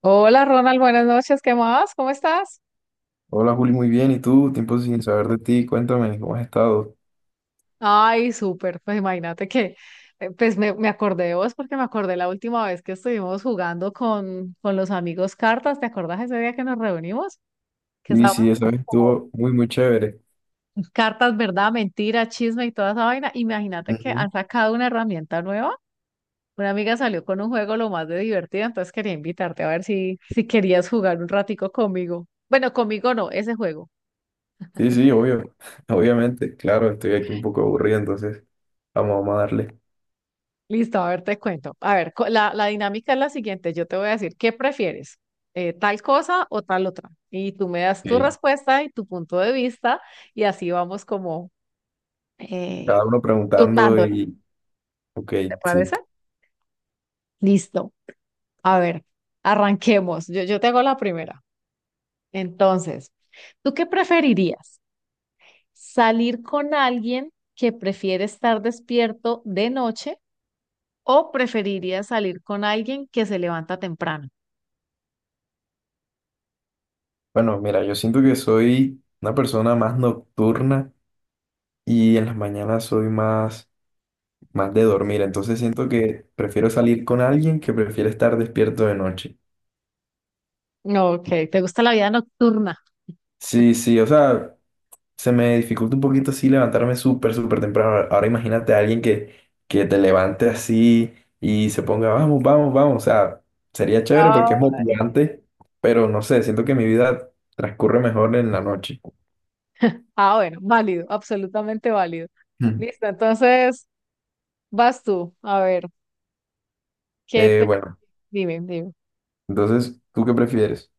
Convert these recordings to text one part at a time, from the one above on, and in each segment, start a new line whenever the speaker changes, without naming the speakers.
Hola Ronald, buenas noches, ¿qué más? ¿Cómo estás?
Hola Juli, muy bien. ¿Y tú? Tiempo sin saber de ti. Cuéntame, ¿cómo has estado?
Ay, súper, pues imagínate que, pues me acordé de vos porque me acordé la última vez que estuvimos jugando con los amigos cartas, ¿te acordás ese día que nos reunimos? Que
Sí,
estábamos
sí, esa vez
como
estuvo muy, muy chévere.
cartas, verdad, mentira, chisme y toda esa vaina. Imagínate que
Ujú.
han sacado una herramienta nueva. Una amiga salió con un juego lo más de divertido, entonces quería invitarte a ver si querías jugar un ratico conmigo. Bueno, conmigo no, ese juego.
Sí, sí, obvio. Obviamente, claro, estoy aquí un poco aburrido, entonces vamos, vamos a darle.
Listo, a ver, te cuento. A ver, la dinámica es la siguiente. Yo te voy a decir, ¿qué prefieres? ¿Tal cosa o tal otra? Y tú me das tu
Ok.
respuesta y tu punto de vista y así vamos como eh,
Cada uno preguntando
turnándonos,
y, ok,
¿te
sí.
parece? Listo. A ver, arranquemos. Yo te hago la primera. Entonces, ¿tú qué preferirías? ¿Salir con alguien que prefiere estar despierto de noche o preferirías salir con alguien que se levanta temprano?
Bueno, mira, yo siento que soy una persona más nocturna y en las mañanas soy más, más de dormir, entonces siento que prefiero salir con alguien que prefiere estar despierto de noche.
No, ok, ¿te gusta la vida nocturna?
Sí, sí, o sea... Se me dificulta un poquito así levantarme súper, súper temprano. Ahora imagínate a alguien que te levante así y se ponga, vamos, vamos, vamos. O sea, sería chévere porque
Ah,
es motivante, pero no sé, siento que mi vida transcurre mejor en la noche.
bueno, válido, absolutamente válido.
Mm.
Listo, entonces vas tú. A ver, ¿qué te...
Bueno,
Dime, dime.
entonces, ¿tú qué prefieres?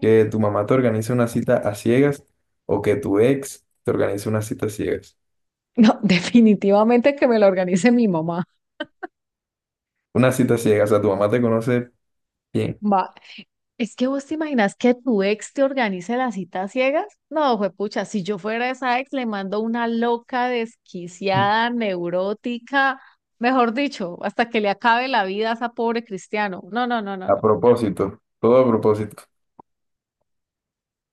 ¿Que tu mamá te organice una cita a ciegas o que tu ex te organice una cita a ciegas?
No, definitivamente que me lo organice mi mamá.
Una cita a ciegas, o sea, tu mamá te conoce bien.
Va. Es que vos te imaginas que tu ex te organice las citas ciegas. No, juepucha, si yo fuera esa ex, le mando una loca,
Mm.
desquiciada, neurótica, mejor dicho, hasta que le acabe la vida a esa pobre cristiano. No, no, no, no,
A
no.
propósito, todo a propósito.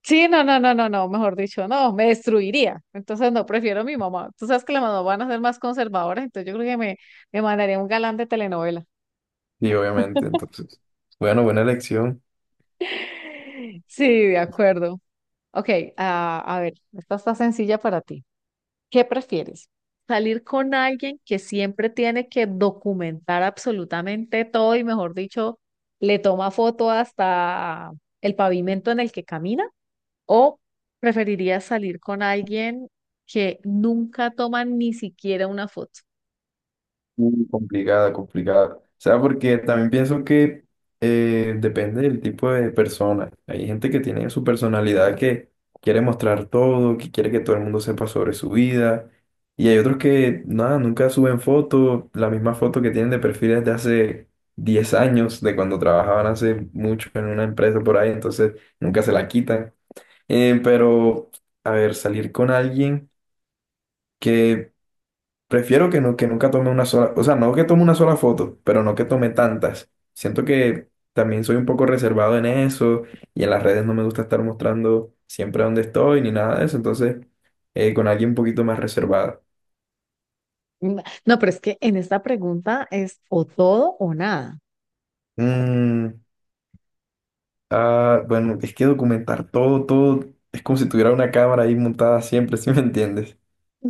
Sí, no, no, no, no, no, mejor dicho, no, me destruiría. Entonces, no, prefiero a mi mamá. Tú sabes que las mamás van a ser más conservadoras, entonces yo creo que me mandaría un galán de telenovela.
Sí, obviamente, entonces. Bueno, buena elección.
Sí, de acuerdo. Ok, a ver, esta está sencilla para ti. ¿Qué prefieres? ¿Salir con alguien que siempre tiene que documentar absolutamente todo y, mejor dicho, le toma foto hasta el pavimento en el que camina? ¿O preferirías salir con alguien que nunca toma ni siquiera una foto?
Mm, complicada, complicada. O sea, porque también pienso que depende del tipo de persona. Hay gente que tiene su personalidad que quiere mostrar todo, que quiere que todo el mundo sepa sobre su vida. Y hay otros que, nada, nunca suben fotos, la misma foto que tienen de perfiles de hace 10 años, de cuando trabajaban hace mucho en una empresa por ahí, entonces nunca se la quitan. Pero, a ver, salir con alguien que prefiero que, no, que nunca tome una sola, o sea, no que tome una sola foto, pero no que tome tantas. Siento que también soy un poco reservado en eso y en las redes no me gusta estar mostrando siempre dónde estoy ni nada de eso, entonces con alguien un poquito más reservado.
Mm, no, pero es que en esta pregunta es o todo o nada.
Mm, ah, bueno, es que documentar todo, todo, es como si tuviera una cámara ahí montada siempre, ¿si me entiendes?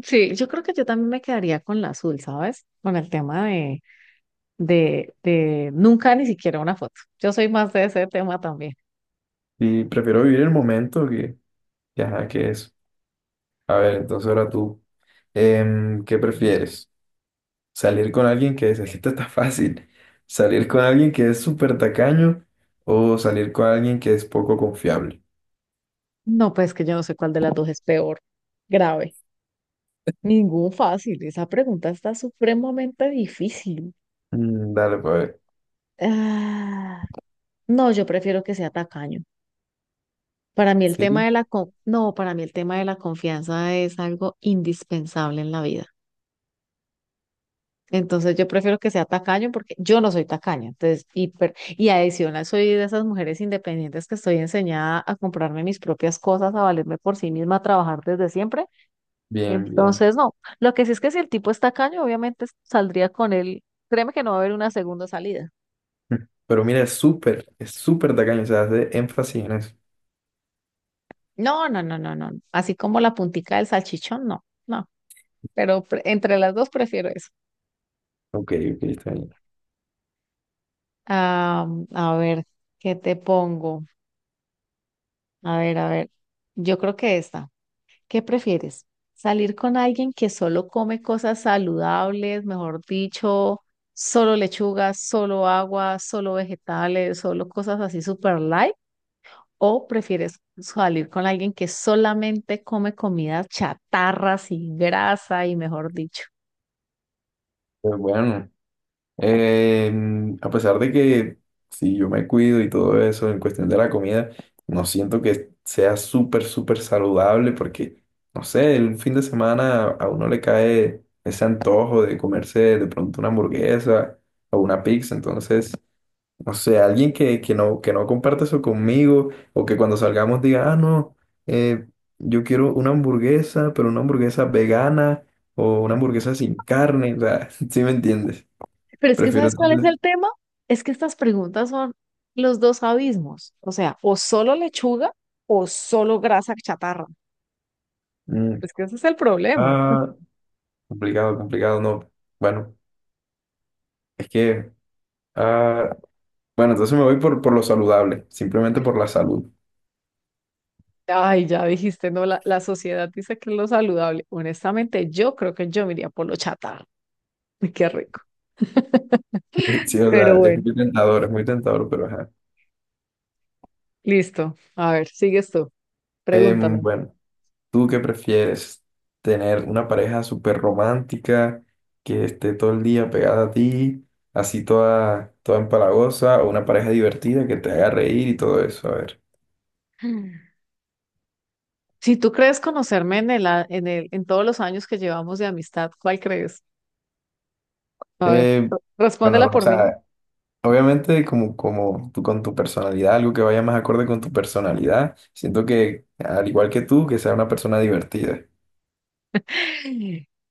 Sí. Yo creo que yo también me quedaría con la azul, ¿sabes? Con el tema de nunca ni siquiera una foto. Yo soy más de ese tema también.
Y prefiero vivir el momento que, ajá, que eso. A ver, entonces ahora tú, ¿qué
Mm.
prefieres? Salir con alguien que es, esta está fácil. Salir con alguien que es súper tacaño o salir con alguien que es poco confiable.
No, pues que yo no sé cuál de las dos es peor. Grave. Ningún fácil. Esa pregunta está supremamente difícil.
Mm, dale, pues, a ver.
Ah, no, yo prefiero que sea tacaño. Para mí el tema
Sí.
de la no, para mí el tema de la confianza es algo indispensable en la vida. Entonces yo prefiero que sea tacaño porque yo no soy tacaña. Entonces, y adicional soy de esas mujeres independientes que estoy enseñada a comprarme mis propias cosas, a valerme por sí misma, a trabajar desde siempre.
Bien, bien.
Entonces, no. Lo que sí es que si el tipo es tacaño, obviamente saldría con él. Créeme que no va a haber una segunda salida.
Pero mira, es súper tacaño, o sea, hace énfasis en eso.
No, no, no, no, no. Así como la puntica del salchichón, no, no. Pero entre las dos prefiero eso.
Ok, ok, está bien.
Ah, a ver, ¿qué te pongo? A ver, a ver. Yo creo que esta. ¿Qué prefieres? ¿Salir con alguien que solo come cosas saludables, mejor dicho, solo lechuga, solo agua, solo vegetales, solo cosas así super light? ¿O prefieres salir con alguien que solamente come comidas chatarras y grasa y mejor dicho?
Pues bueno. A pesar de que si yo me cuido y todo eso en cuestión de la comida, no siento que sea súper, súper saludable porque, no sé, el fin de semana a uno le cae ese antojo de comerse de pronto una hamburguesa o una pizza. Entonces, no sé, alguien que no comparte eso conmigo o que cuando salgamos diga, ah, no, eh, yo quiero una hamburguesa, pero una hamburguesa vegana o una hamburguesa sin carne. O sea, ¿sí me entiendes?
Pero es que
Prefiero
¿sabes cuál es
entonces.
el tema? Es que estas preguntas son los dos abismos. O sea, o solo lechuga o solo grasa chatarra.
Mm.
Es que ese es el problema.
Ah, complicado, complicado, no. Bueno, es que, ah, bueno, entonces me voy por lo saludable, simplemente por la salud.
Ay, ya dijiste, no, la sociedad dice que es lo saludable. Honestamente, yo creo que yo me iría por lo chatarra. Uy, qué rico.
Sí, o sea,
Pero bueno,
es muy tentador, pero ajá.
listo. A ver, sigues tú. Pregúntame.
Bueno, ¿tú qué prefieres? ¿Tener una pareja súper romántica que esté todo el día pegada a ti, así toda, toda empalagosa, o una pareja divertida que te haga reír y todo eso? A ver.
Mm. Si tú crees conocerme en en el, en todos los años que llevamos de amistad, ¿cuál crees? A ver,
Eh, bueno,
respóndela
o
por mí.
sea, obviamente, como, como tú con tu personalidad, algo que vaya más acorde con tu personalidad. Siento que, al igual que tú, que sea una persona divertida.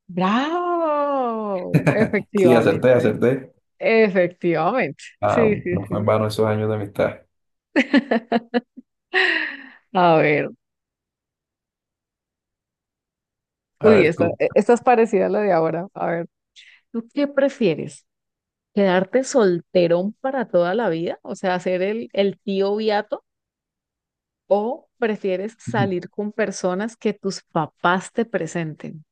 Bravo,
Sí, acerté,
efectivamente,
acerté.
efectivamente.
Ah,
Sí,
bueno,
sí,
no fue en
sí.
vano esos años de amistad.
A ver,
A
uy,
ver, tú.
esta es parecida a la de ahora. A ver, ¿tú qué prefieres? ¿Quedarte solterón para toda la vida? O sea, ser el tío Beato, ¿o prefieres
Ujú.
salir con personas que tus papás te presenten?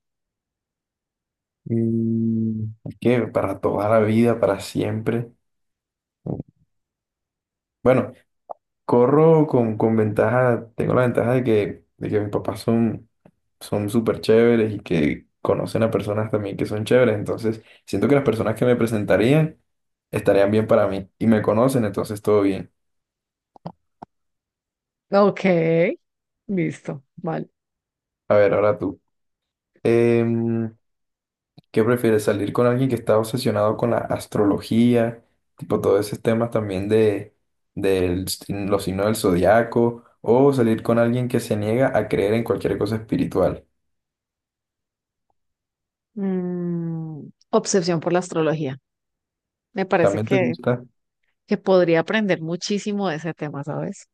Mm, es que para toda la vida, para siempre. Bueno, corro con ventaja, tengo la ventaja de que mis papás son, son súper chéveres y que conocen a personas también que son chéveres, entonces siento que las personas que me presentarían estarían bien para mí y me conocen, entonces todo bien.
Ok, listo, vale.
A ver, ahora tú. Em, ¿Qué prefieres? ¿Salir con alguien que está obsesionado con la astrología? Tipo todos esos temas también de los signos del zodiaco. ¿O salir con alguien que se niega a creer en cualquier cosa espiritual?
Mm, obsesión por la astrología. Me parece
¿También te
que
gusta?
que podría aprender muchísimo de ese tema, ¿sabes?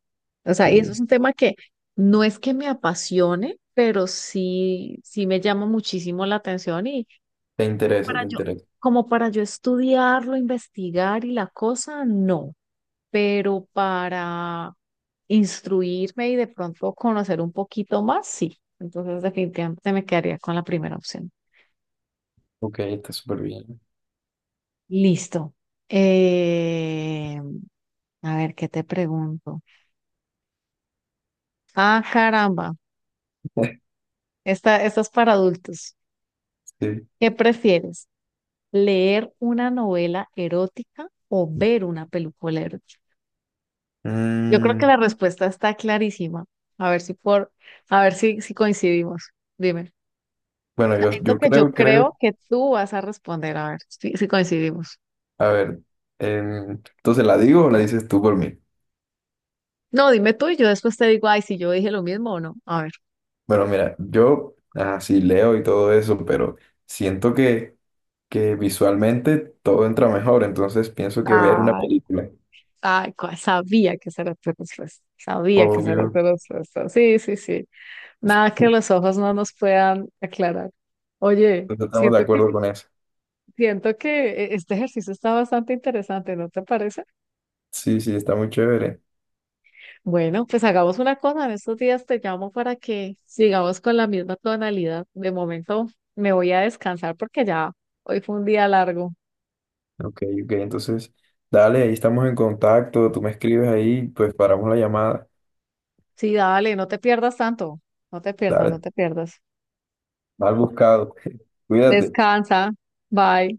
O sea, y eso es
Ok.
un tema que no es que me apasione, pero sí, sí me llama muchísimo la atención y
Te
como
interesa, te
para yo,
interesa.
como para yo estudiarlo, investigar y la cosa, no, pero para instruirme y de pronto conocer un poquito más, sí. Entonces, definitivamente me quedaría con la primera opción.
Ok, está súper bien.
Listo. Eh, a ver, ¿qué te pregunto? Ah, caramba. Esta es para adultos.
Sí.
¿Qué prefieres? ¿Leer una novela erótica o ver una película erótica? Yo creo que
Mm,
la respuesta está clarísima. A ver si por, a ver si coincidimos. Dime.
bueno, yo,
Es lo
yo
que yo
creo, creo.
creo que tú vas a responder. A ver si coincidimos.
A ver, entonces, ¿la digo o la dices tú por mí?
No, dime tú y yo después te digo, ay, si yo dije lo mismo o no. A ver.
Bueno, mira, yo, ah, sí, leo y todo eso, pero siento que visualmente todo entra mejor, entonces pienso que ver una
Ay,
película.
ay, sabía que esa era tu respuesta. Sabía que esa era
Obvio.
tu respuesta. Sí, sí, sí. Nada que los ojos no nos puedan aclarar. Oye,
Entonces estamos de acuerdo con eso.
siento que este ejercicio está bastante interesante, ¿no te parece?
Sí, sí, está muy chévere.
Bueno, pues hagamos una cosa. En estos días te llamo para que sigamos con la misma tonalidad. De momento me voy a descansar porque ya hoy fue un día largo.
Ok, ok, entonces, dale, ahí estamos en contacto, tú me escribes ahí, pues paramos la llamada.
Sí, dale, no te pierdas tanto. No te pierdas, no
Dale,
te pierdas.
mal buscado. Cuídate.
Descansa. Bye.